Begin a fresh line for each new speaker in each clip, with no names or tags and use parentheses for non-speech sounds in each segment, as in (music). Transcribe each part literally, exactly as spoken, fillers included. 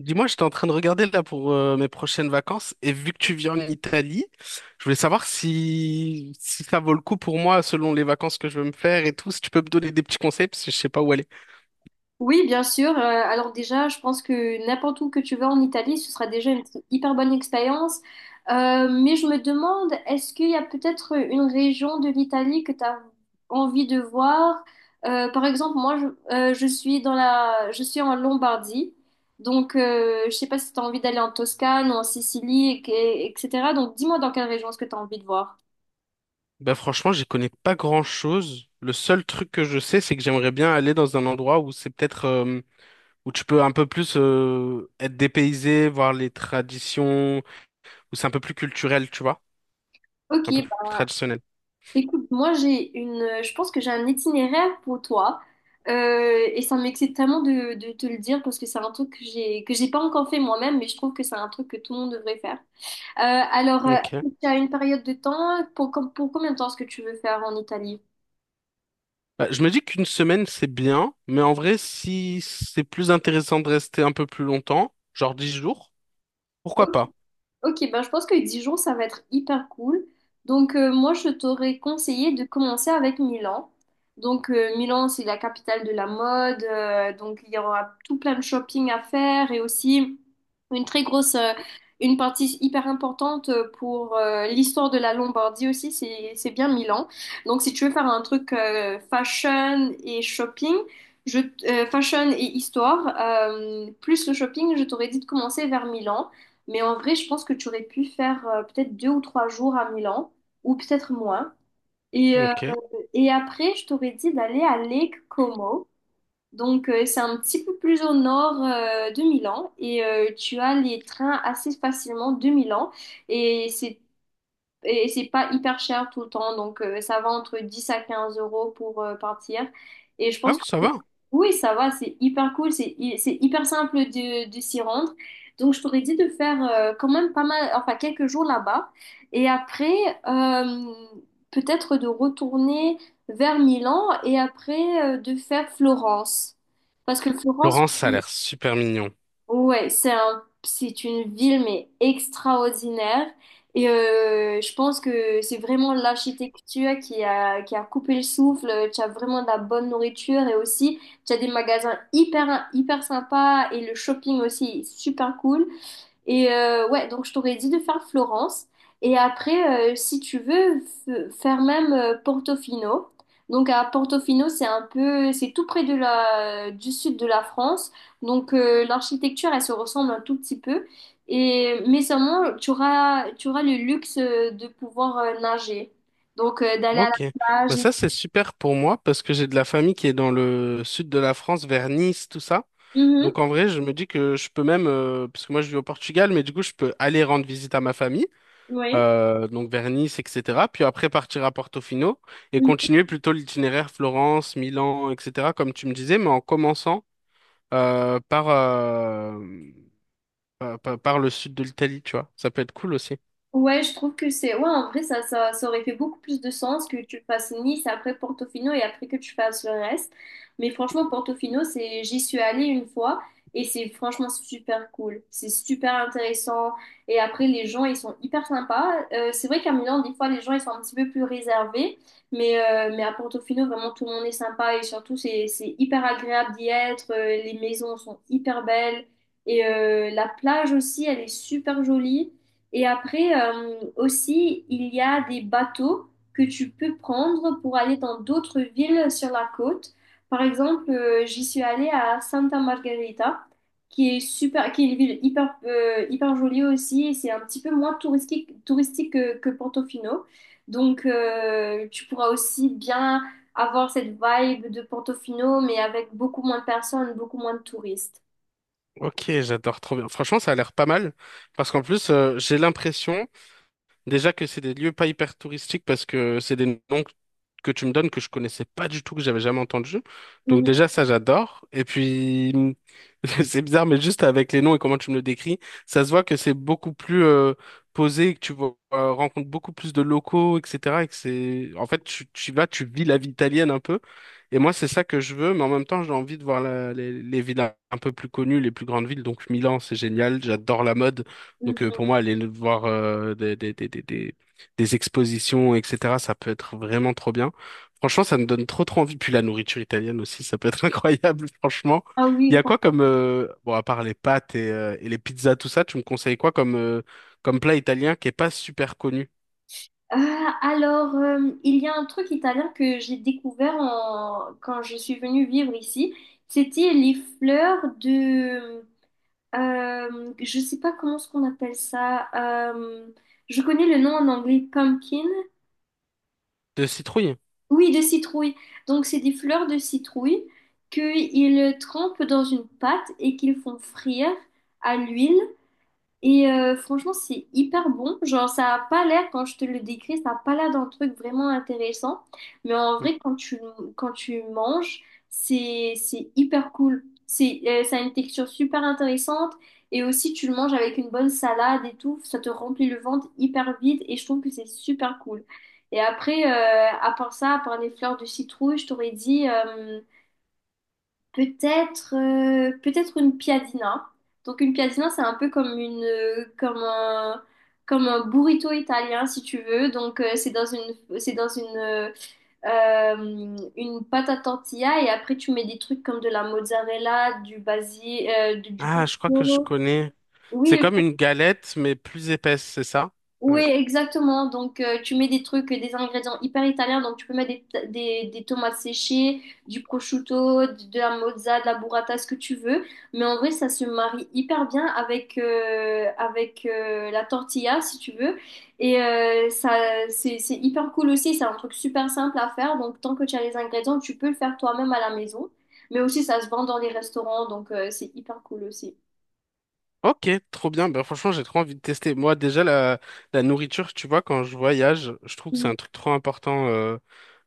Dis-moi, j'étais en train de regarder là pour euh, mes prochaines vacances et vu que tu vis en Italie, je voulais savoir si, si ça vaut le coup pour moi selon les vacances que je veux me faire et tout, si tu peux me donner des petits conseils parce que je sais pas où aller.
Oui, bien sûr. Euh, alors déjà, je pense que n'importe où que tu vas en Italie, ce sera déjà une hyper bonne expérience. Euh, mais je me demande, est-ce qu'il y a peut-être une région de l'Italie que tu as envie de voir? Euh, par exemple, moi, je, euh, je suis dans la, je suis en Lombardie. Donc, euh, je sais pas si tu as envie d'aller en Toscane ou en Sicile, et- et- etc. Donc, dis-moi dans quelle région est-ce que tu as envie de voir.
Ben franchement, j'y connais pas grand-chose. Le seul truc que je sais, c'est que j'aimerais bien aller dans un endroit où c'est peut-être euh, où tu peux un peu plus euh, être dépaysé, voir les traditions, où c'est un peu plus culturel, tu vois,
Ok.
un peu plus traditionnel.
Écoute, moi j'ai une, je pense que j'ai un itinéraire pour toi. Euh, et ça m'excite tellement de, de te le dire parce que c'est un truc que j'ai que j'ai pas encore fait moi-même, mais je trouve que c'est un truc que tout le monde devrait faire. Euh, alors, euh,
Ok.
est-ce que tu as une période de temps pour, com- pour combien de temps est-ce que tu veux faire en Italie?
Bah, je me dis qu'une semaine, c'est bien, mais en vrai, si c'est plus intéressant de rester un peu plus longtemps, genre dix jours, pourquoi pas?
Ok, ben je pense que Dijon, ça va être hyper cool. Donc, euh, moi, je t'aurais conseillé de commencer avec Milan. Donc, euh, Milan, c'est la capitale de la mode. Euh, donc, il y aura tout plein de shopping à faire, et aussi une très grosse, euh, une partie hyper importante pour euh, l'histoire de la Lombardie aussi, c'est, c'est bien Milan. Donc, si tu veux faire un truc euh, fashion et shopping, je, t- euh, fashion et histoire, euh, plus le shopping, je t'aurais dit de commencer vers Milan. Mais en vrai, je pense que tu aurais pu faire euh, peut-être deux ou trois jours à Milan, ou peut-être moins. Et, euh,
Ok.
et après, je t'aurais dit d'aller à Lake Como. Donc, euh, c'est un petit peu plus au nord euh, de Milan. Et euh, tu as les trains assez facilement de Milan. Et c'est et c'est pas hyper cher tout le temps, donc euh, ça va entre dix à quinze euros pour euh, partir. Et je
Ah
pense
oui,
que
ça
c'est-
va.
oui, ça va, c'est hyper cool, c'est hy- c'est hyper simple de, de s'y rendre. Donc je t'aurais dit de faire euh, quand même pas mal, enfin quelques jours là-bas. Et après, euh, peut-être de retourner vers Milan et après euh, de faire Florence. Parce que Florence,
Laurence, ça a l'air super mignon.
ouais, c'est un, c'est une ville mais extraordinaire, et euh, je pense que c'est vraiment l'architecture qui a, qui a coupé le souffle. Tu as vraiment de la bonne nourriture, et aussi tu as des magasins hyper hyper sympas et le shopping aussi est super cool. Et euh, ouais, donc je t'aurais dit de faire Florence. Et après, euh, si tu veux, f- faire même euh, Portofino. Donc à Portofino, c'est un peu, c'est tout près de la, du sud de la France. Donc euh, l'architecture, elle se ressemble un tout petit peu. Et mais seulement, tu auras, tu auras le luxe euh, de pouvoir euh, nager. Donc euh, d'aller à
Ok,
la plage.
bah
Et...
ça c'est super pour moi parce que j'ai de la famille qui est dans le sud de la France, vers Nice, tout ça.
Mhm,
Donc en vrai, je me dis que je peux même, euh, parce que moi je vis au Portugal, mais du coup je peux aller rendre visite à ma famille,
oui.
euh, donc vers Nice, et cetera. Puis après partir à Portofino et continuer plutôt l'itinéraire Florence, Milan, et cetera. Comme tu me disais, mais en commençant euh, par, euh, pa- pa- par, le sud de l'Italie, tu vois. Ça peut être cool aussi.
Ouais, je trouve que c'est... Ouais, en vrai, ça, ça, ça aurait fait beaucoup plus de sens que tu fasses Nice, après Portofino, et après que tu fasses le reste. Mais franchement, Portofino, c'est... J'y suis allée une fois et c'est franchement super cool. C'est super intéressant. Et après, les gens, ils sont hyper sympas. Euh, c'est vrai qu'à Milan, des fois, les gens, ils sont un petit peu plus réservés. Mais, euh, mais à Portofino, vraiment, tout le monde est sympa, et surtout, c'est, c'est hyper agréable d'y être. Euh, Les maisons sont hyper belles. Et euh, la plage aussi, elle est super jolie. Et après, euh, aussi, il y a des bateaux que tu peux prendre pour aller dans d'autres villes sur la côte. Par exemple, euh, j'y suis allée à Santa Margherita, qui est super, qui est une ville hyper, euh, hyper jolie aussi. Et c'est un petit peu moins touristique, touristique que, que Portofino. Donc, euh, tu pourras aussi bien avoir cette vibe de Portofino, mais avec beaucoup moins de personnes, beaucoup moins de touristes.
Ok, j'adore trop bien. Franchement, ça a l'air pas mal parce qu'en plus, euh, j'ai l'impression déjà que c'est des lieux pas hyper touristiques parce que c'est des noms que que tu me donnes que je connaissais pas du tout, que j'avais jamais entendu. Donc
Mhm,
déjà ça j'adore. Et puis (laughs) c'est bizarre mais juste avec les noms et comment tu me le décris, ça se voit que c'est beaucoup plus euh, posé, que tu vois, euh, rencontres beaucoup plus de locaux, et cetera. Et que c'est en fait tu, tu vas, tu vis la vie italienne un peu. Et moi c'est ça que je veux, mais en même temps j'ai envie de voir la- les, les villes un peu plus connues, les plus grandes villes. Donc Milan c'est génial, j'adore la mode. Donc euh,
mhm.
pour moi, aller voir euh, des, des, des, des, des- des expositions, et cetera, ça peut être vraiment trop bien. Franchement, ça me donne trop trop envie. Puis la nourriture italienne aussi, ça peut être (laughs) incroyable, franchement.
Ah
Il y
oui.
a quoi comme... euh, Bon, à part les pâtes et, euh, et les pizzas, tout ça, tu me conseilles quoi comme, euh, comme plat italien qui est pas super connu?
Ah, alors, euh, il y a un truc italien que j'ai découvert en- quand je suis venue vivre ici. C'était les fleurs de... euh, je sais pas comment ce qu'on appelle ça. Euh, je connais le nom en anglais, pumpkin.
De citrouille?
Oui, de citrouille. Donc, c'est des fleurs de citrouille qu'ils trempent dans une pâte et qu'ils font frire à l'huile. Et euh, franchement, c'est hyper bon. Genre, ça a pas l'air, quand je te le décris, ça a pas l'air d'un truc vraiment intéressant. Mais en
Mmh.
vrai, quand tu, quand tu manges, c'est, c'est hyper cool. C'est, euh, ça a une texture super intéressante. Et aussi, tu le manges avec une bonne salade et tout. Ça te remplit le ventre hyper vite. Et je trouve que c'est super cool. Et après, euh, à part ça, à part les fleurs de citrouille, je t'aurais dit... euh, peut-être euh, peut-être une piadina. Donc une piadina, c'est un peu comme une euh, comme un comme un burrito italien si tu veux. Donc euh, c'est dans une c'est dans une euh, euh, une pâte à tortilla, et après tu mets des trucs comme de la mozzarella, du basil, euh, du, du
Ah, je crois que je
pesto.
connais. C'est
Oui,
comme une galette, mais plus épaisse, c'est ça?
oui,
Ouais.
exactement. Donc, euh, tu mets des trucs, des ingrédients hyper italiens. Donc, tu peux mettre des, des, des tomates séchées, du prosciutto, de, de la mozza, de la burrata, ce que tu veux. Mais en vrai, ça se marie hyper bien avec, euh, avec euh, la tortilla, si tu veux. Et euh, ça, c'est, c'est hyper cool aussi. C'est un truc super simple à faire. Donc, tant que tu as les ingrédients, tu peux le faire toi-même à la maison. Mais aussi, ça se vend dans les restaurants. Donc, euh, c'est hyper cool aussi.
Ok, trop bien. Bah, franchement, j'ai trop envie de tester. Moi, déjà, la, la nourriture, tu vois, quand je voyage, je trouve que c'est
Mm.
un truc trop important euh,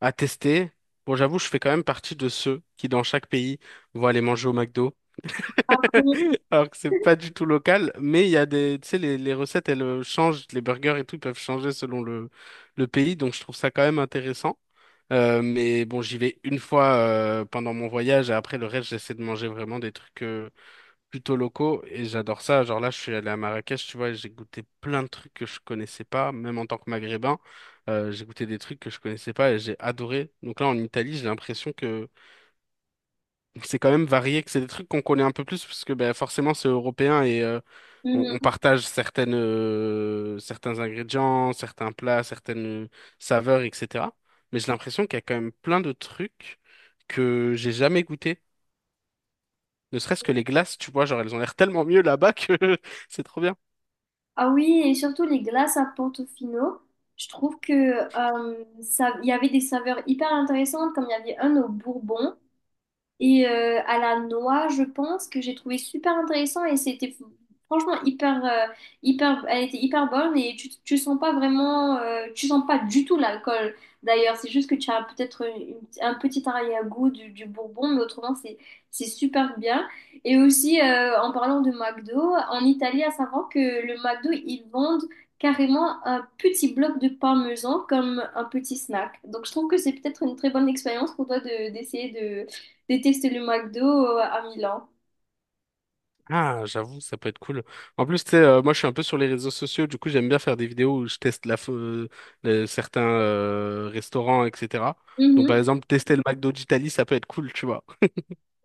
à tester. Bon, j'avoue, je fais quand même partie de ceux qui, dans chaque pays, vont aller manger au McDo.
Ah bon?
(laughs) Alors que c'est
(laughs)
pas du tout local, mais il y a des, tu sais, les, les recettes, elles euh, changent, les burgers et tout, ils peuvent changer selon le, le pays, donc je trouve ça quand même intéressant. Euh, mais bon, j'y vais une fois euh, pendant mon voyage et après le reste, j'essaie de manger vraiment des trucs euh, plutôt locaux et j'adore ça. Genre là, je suis allé à Marrakech, tu vois, et j'ai goûté plein de trucs que je connaissais pas, même en tant que Maghrébin, euh, j'ai goûté des trucs que je connaissais pas et j'ai adoré. Donc là, en Italie, j'ai l'impression que c'est quand même varié, que c'est des trucs qu'on connaît un peu plus parce que ben, forcément, c'est européen et euh, on, on
Mhm.
partage certaines, euh, certains ingrédients, certains plats, certaines saveurs, et cetera. Mais j'ai l'impression qu'il y a quand même plein de trucs que j'ai jamais goûté. Ne serait-ce que les glaces, tu vois, genre elles ont l'air tellement mieux là-bas que (laughs) c'est trop bien.
Ah oui, et surtout les glaces à Portofino. Je trouve que euh, ça, il y avait des saveurs hyper intéressantes, comme il y avait un au bourbon. Et euh, à la noix, je pense que j'ai trouvé super intéressant, et c'était franchement hyper, euh, hyper, elle était hyper bonne, et tu, tu sens pas vraiment, euh, tu sens pas du tout l'alcool. D'ailleurs, c'est juste que tu as peut-être une- un petit arrière-goût du, du bourbon, mais autrement, c'est, c'est super bien. Et aussi, euh, en parlant de McDo, en Italie, à savoir que le McDo, ils vendent carrément un petit bloc de parmesan comme un petit snack. Donc, je trouve que c'est peut-être une très bonne expérience pour toi de, d'essayer déteste le McDo euh, à Milan.
Ah, j'avoue, ça peut être cool. En plus, tu sais, euh, moi je suis un peu sur les réseaux sociaux, du coup j'aime bien faire des vidéos où je teste la, fa- euh, le- certains euh, restaurants, et cetera. Donc par
Mhm.
exemple, tester le McDo d'Italie, ça peut être cool, tu vois.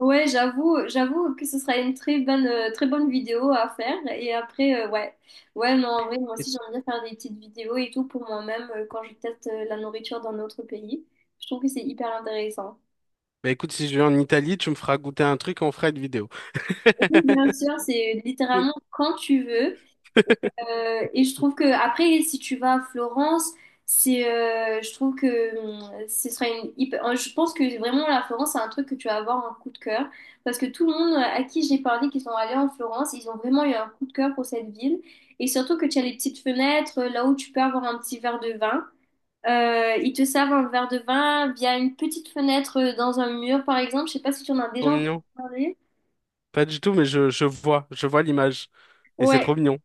Ouais, j'avoue, j'avoue que ce sera une très bonne, euh, très bonne vidéo à faire. Et après, euh, ouais. Ouais, non, en vrai, moi aussi,
(laughs)
j'aime bien faire des petites vidéos et tout pour moi-même euh, quand je teste euh, la nourriture dans notre pays. Je trouve que c'est hyper intéressant.
Bah écoute, si je vais en Italie, tu me feras goûter un truc, on fera une vidéo.
Oui, bien sûr, c'est
Peu.
littéralement quand tu veux. Et,
(laughs)
euh, et je trouve que après, si tu vas à Florence, c'est, euh, je trouve que hum, ce sera une hyper- euh, je pense que vraiment la Florence, c'est un truc que tu vas avoir un coup de cœur, parce que tout le monde euh, à qui j'ai parlé qui sont allés en Florence, ils ont vraiment eu un coup de cœur pour cette ville. Et surtout que tu as les petites fenêtres là où tu peux avoir un petit verre de vin. Euh, ils te servent un verre de vin via une petite fenêtre euh, dans un mur, par exemple. Je sais pas si tu en as
Trop
déjà entendu
mignon.
parler.
Pas du tout, mais je, je vois, je vois l'image. Et c'est
Ouais,
trop mignon,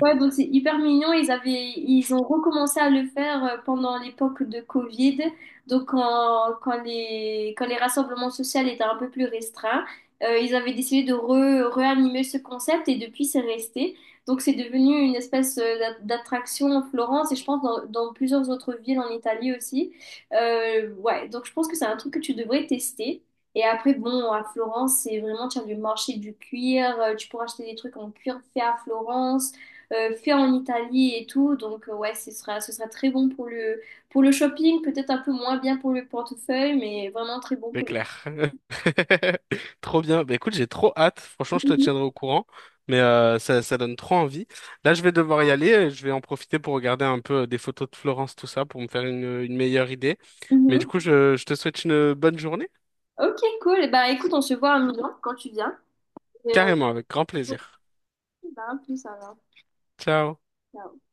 ouais, donc c'est hyper mignon. Ils avaient, ils ont recommencé à le faire euh, pendant l'époque de Covid. Donc, quand, quand les, quand les rassemblements sociaux étaient un peu plus restreints, euh, ils avaient décidé de re- réanimer ce concept, et depuis, c'est resté. Donc, c'est devenu une espèce euh, d'a- d'attraction en Florence, et je pense dans, dans plusieurs autres villes en Italie aussi. Euh, ouais, donc je pense que c'est un truc que tu devrais tester. Et après, bon, à Florence, c'est vraiment, tu as le marché du cuir, euh, tu pourras acheter des truits en cuir fait à Florence euh, fait en Italie et tout. Donc, euh, ouais, ce sera, ce sera très bon pour le, pour le shopping, peut-être un peu moins bien pour le portefeuille, mais vraiment très bon
c'est
pour les.
clair. (laughs) Trop bien. Bah écoute, j'ai trop hâte. Franchement, je te
Mhm.
tiendrai au courant. Mais euh, ça, ça donne trop envie. Là, je vais devoir y aller. euh, Je vais en profiter pour regarder un peu euh, des photos de Florence, tout ça, pour me faire une, une meilleure idée. Mais du
Mhm.
coup, je, je te souhaite une bonne journée.
Ok, cool. Bah, écoute, on se voit à Milan quand tu viens. Et, euh,
Carrément, avec grand plaisir.
bah, à plus alors.
Ciao.
Ciao.